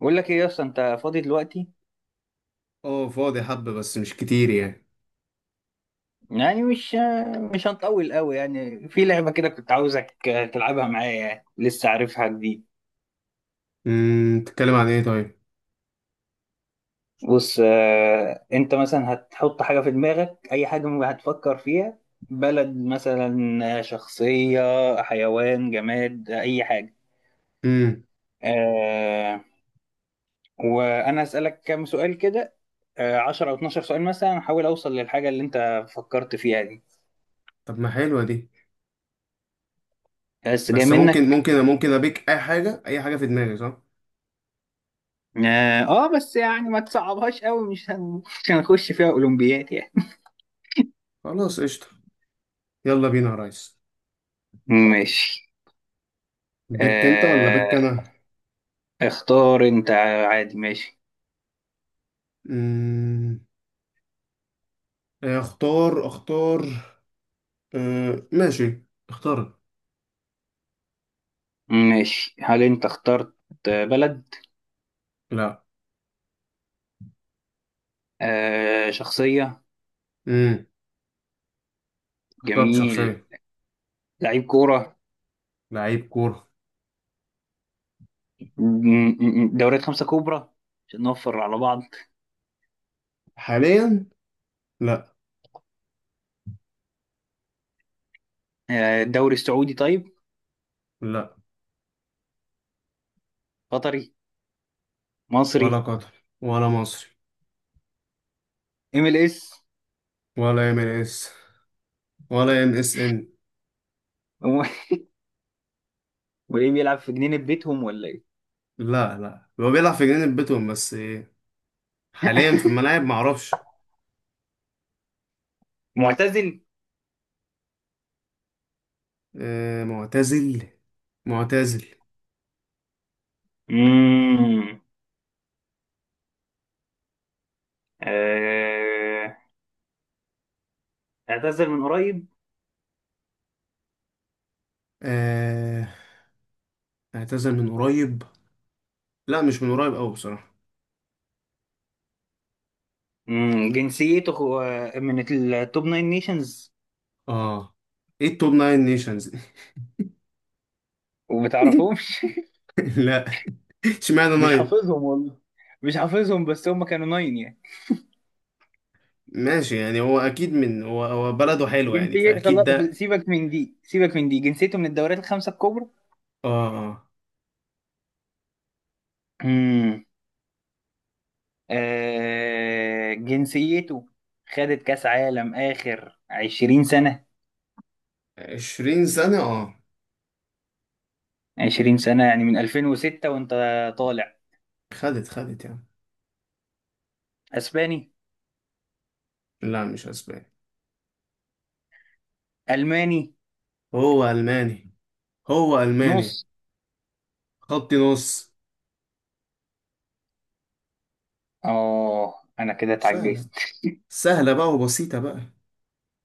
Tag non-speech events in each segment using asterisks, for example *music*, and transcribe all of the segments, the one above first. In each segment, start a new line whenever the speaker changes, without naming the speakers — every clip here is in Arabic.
بقول لك ايه يا اسطى، انت فاضي دلوقتي؟
اه، فاضي حبة بس مش كتير يعني.
يعني مش هنطول قوي، يعني في لعبه كده كنت عاوزك تلعبها معايا، يعني لسه عارفها جديد.
تتكلم عن ايه طيب؟
بص، انت مثلا هتحط حاجه في دماغك، اي حاجه هتفكر فيها. بلد، مثلا، شخصيه، حيوان، جماد، اي حاجه.
امم.
آه، وانا اسالك كام سؤال كده. 10 او 12 سؤال مثلا، احاول اوصل للحاجه اللي انت فكرت فيها دي.
طب ما حلوة دي.
بس جاي
بس ممكن
منك.
ممكن ممكن ابيك اي حاجة اي حاجة في دماغي، صح؟
اه، بس يعني ما تصعبهاش قوي، مش هنخش فيها اولمبيات يعني.
خلاص قشطة. يلا بينا يا ريس.
ماشي،
بيك انت ولا بيك
آه...
انا؟
اختار انت، عادي، ماشي.
امم. اختار اختار. اه ماشي. اختار.
ماشي، هل انت اخترت بلد؟
لا.
شخصية؟
امم. اخترت
جميل.
شخصية.
لعيب كورة؟
لعيب كورة.
دوريات خمسة كبرى، عشان نوفر على بعض.
حاليا. لا.
الدوري السعودي؟ طيب،
لا
قطري؟ مصري؟
ولا قطر ولا مصري.
MLS؟ *laughs*
ولا ام اس. ولا ام اس ان.
هو- وايه، بيلعب في جنينة بيتهم ولا ايه؟
لا لا، هو بيلعب في جنينة بيتهم بس إيه؟ حاليا في الملاعب معرفش.
معتزل؟
آه، معتزل. معتزل.
مم. آه... اعتزل من قريب؟
آه، اعتزل من قريب. لا مش من قريب قوي بصراحة.
جنسيته هو من التوب ناين نيشنز،
اه. ايه التوب ناين نيشنز؟ *laughs*
وبتعرفهمش.
لا. اشمعنى
*laughs* مش
ناين؟
حافظهم والله، مش حافظهم، بس هم كانوا ناين يعني.
ماشي، يعني هو اكيد من هو بلده حلو يعني
جنسية
فاكيد
خلاص،
ده.
سيبك من دي، سيبك من دي، جنسيته من الدوريات الخمسة الكبرى.
اه. آه.
مم. جنسيته خدت كأس عالم آخر 20 سنة،
20 سنة اه.
20 سنة، يعني من 2006 وانت طالع.
خدت يعني.
اسباني؟
لا مش اسباني.
الماني؟
هو الماني. هو الماني.
نص؟
خط نص.
اه، انا كده
سهلة.
اتعجزت. *laughs*
سهلة بقى وبسيطة بقى.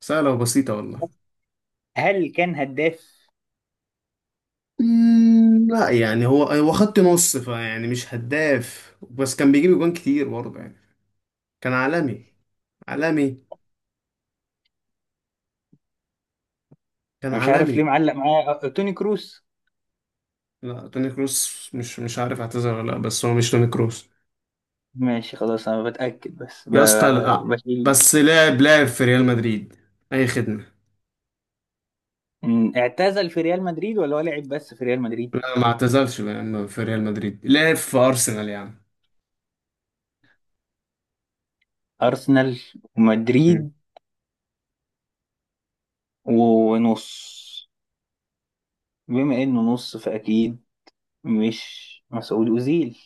سهلة وبسيطة والله.
هل كان هداف؟
مم، لا، يعني هو هو خط نص فيعني مش هداف بس كان بيجيب جوان كتير برضه يعني. كان عالمي. عالمي. كان
انا مش عارف ليه
عالمي.
معلق معايا، توني كروس.
لا، توني كروس مش عارف اعتذر ولا لا بس هو مش توني كروس.
ماشي خلاص، انا بتأكد بس
يا اسطى لا.
بشيل.
بس لعب في ريال مدريد. اي خدمة.
إن اعتزل في ريال مدريد ولا هو لعب بس في ريال مدريد؟
لا، ما اعتزلش يا عم في ريال مدريد، لعب في ارسنال يا عم.
ارسنال
مم.
ومدريد، ونص، بما انه نص فاكيد، مش مسعود اوزيل؟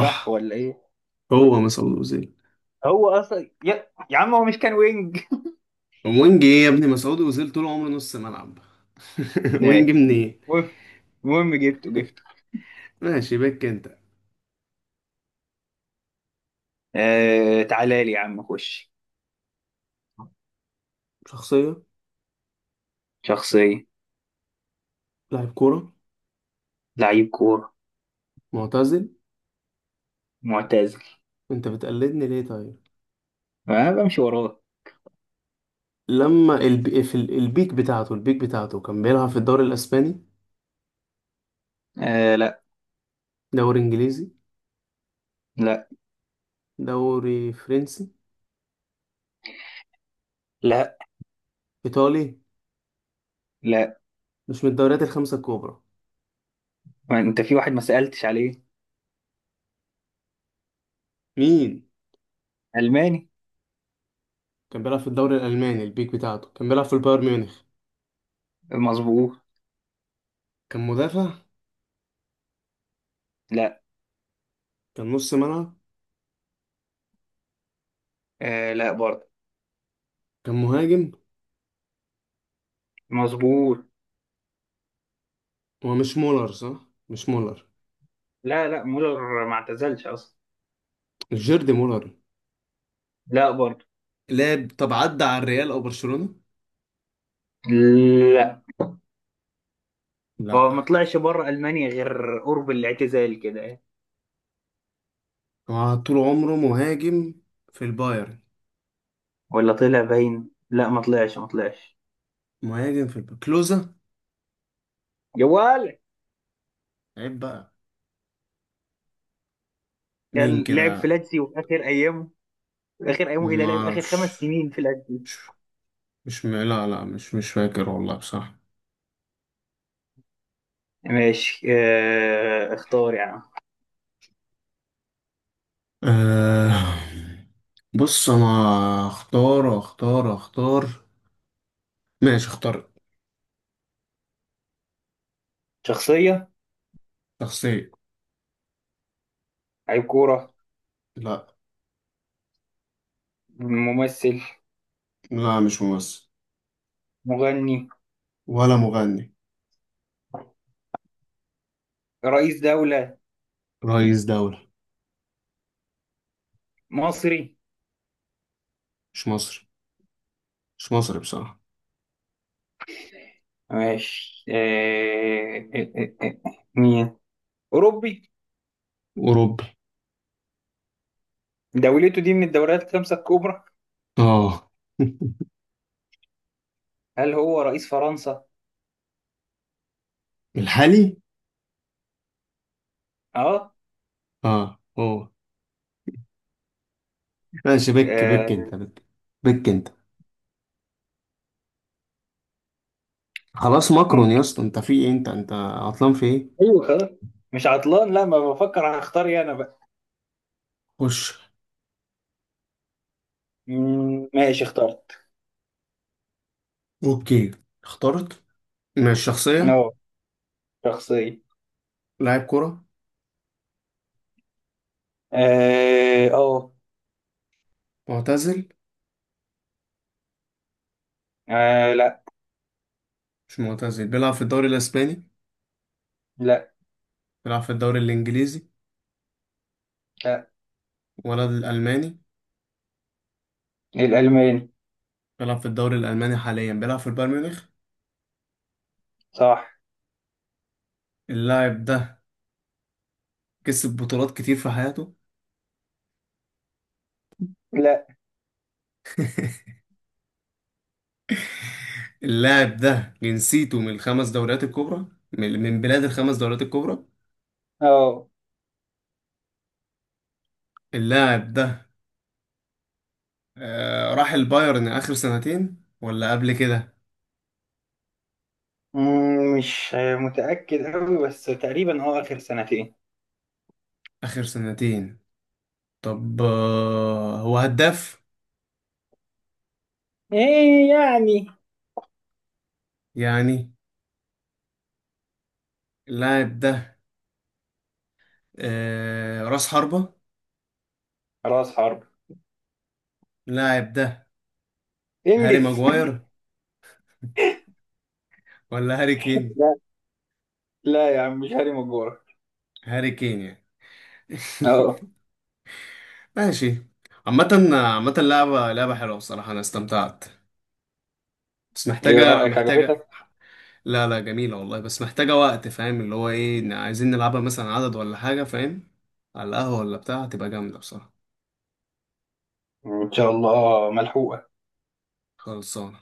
صح ولا ايه؟
هو مسعود اوزيل.
هو اصلا يا عم، هو مش كان وينج؟
وينج ايه يا ابني؟ مسعود اوزيل طول عمره نص ملعب. *laughs* وينج
ماشي.
منين؟
المهم المهم جبته جبته.
ماشي بك انت.
تعالى لي يا عم خش.
شخصية.
شخصية،
لاعب كورة.
لعيب كورة،
معتزل.
معتزل،
انت بتقلدني ليه طيب؟
انا بمشي وراه.
لما البيك بتاعته كان بيلعب في الدوري الاسباني.
لا،
دوري انجليزي.
لا،
دوري فرنسي.
لا،
ايطالي.
لا.
مش من الدوريات الخمسه الكبرى.
ما انت في واحد ما سألتش عليه.
مين؟
ألماني،
كان بيلعب في الدوري الالماني. البيك بتاعته كان بيلعب في البايرن ميونخ.
مظبوط،
كان مدافع.
لا،
كان نص ملعب.
لا برضه،
كان مهاجم.
مظبوط.
هو مش مولر، صح؟ مش مولر.
لا، لا، مولر ما اعتزلش أصلا،
مش جيرد مولر.
لا برضه.
لعب؟ طب عدى على الريال او برشلونه؟
لا، هو
لا.
ما طلعش بره ألمانيا غير قرب الاعتزال كده يعني.
هو طول عمره مهاجم في البايرن.
ولا طلع باين، لا، ما طلعش ما طلعش،
مهاجم في البايرن، كلوزا.
جوال.
عيب بقى. مين
كان لعب في
كده؟
لاتسيو، وفي آخر أيامه، في آخر أيامه، إيه ده
ما
لعب آخر خمس
اعرفش.
سنين في لاتسيو.
مش مش م... لا لا، مش فاكر والله بصراحة.
ماشي، اختار يعني.
أه... بص انا اختار اختار اختار. ماشي اختار.
شخصية،
شخصية.
لعيب كورة،
لا.
ممثل،
لا مش ممثل.
مغني،
ولا مغني.
رئيس دولة،
رئيس دولة.
مصري؟
مش مصري. مش مصري بصراحة.
ماشي، مين؟ أوروبي؟
أوروبي.
دولته دي من الدوريات الخمسة الكبرى،
اه.
هل هو رئيس فرنسا؟
*laughs* الحالي؟
اه،
اه هو. ماشي بك
آه،
انت بك. بك انت. خلاص ماكرون، يا
ممكن؟
اسطى انت في ايه؟ انت عطلان في ايه؟
ايوه خلاص، مش عطلان، لا، ما بفكر هختار ايه انا بقى.
خش.
ماشي اخترت.
اوكي اخترت. ماشي شخصية.
اه، شخصية،
لاعب كرة.
اه أه.
معتزل.
لا،
مش معتزل. بيلعب في الدوري الاسباني.
لا،
بيلعب في الدوري الانجليزي.
لا،
ولد الالماني.
الألماني،
بيلعب في الدوري الالماني حاليا، بيلعب في البايرن ميونخ.
صح،
اللاعب ده كسب بطولات كتير في حياته.
لا،
اللاعب ده جنسيته من الخمس دوريات الكبرى. من بلاد الخمس دوريات الكبرى.
اه.
اللاعب ده راح البايرن اخر سنتين ولا قبل كده؟
مش متأكد أوي، بس تقريبا آخر سنتين.
اخر سنتين. طب هو هداف
ايه يعني؟
يعني؟ اللاعب ده راس حربة.
راس حرب،
اللاعب ده هاري
انجز.
ماجواير ولا هاري
*laughs*
كين؟
لا، لا يا عم، مش هاري مجوعك.
هاري كين يعني.
اه،
*laughs* ماشي. عامة عامة لعبة حلوة بصراحة أنا استمتعت. بس
ايه
محتاجة
رأيك،
محتاجة
عجبتك؟
لا لا، جميلة والله بس محتاجة وقت. فاهم اللي هو إيه إن عايزين نلعبها مثلا عدد ولا حاجة؟ فاهم؟ على القهوة ولا بتاع هتبقى جامدة بصراحة.
ان شاء الله ملحوقة.
خلصانة.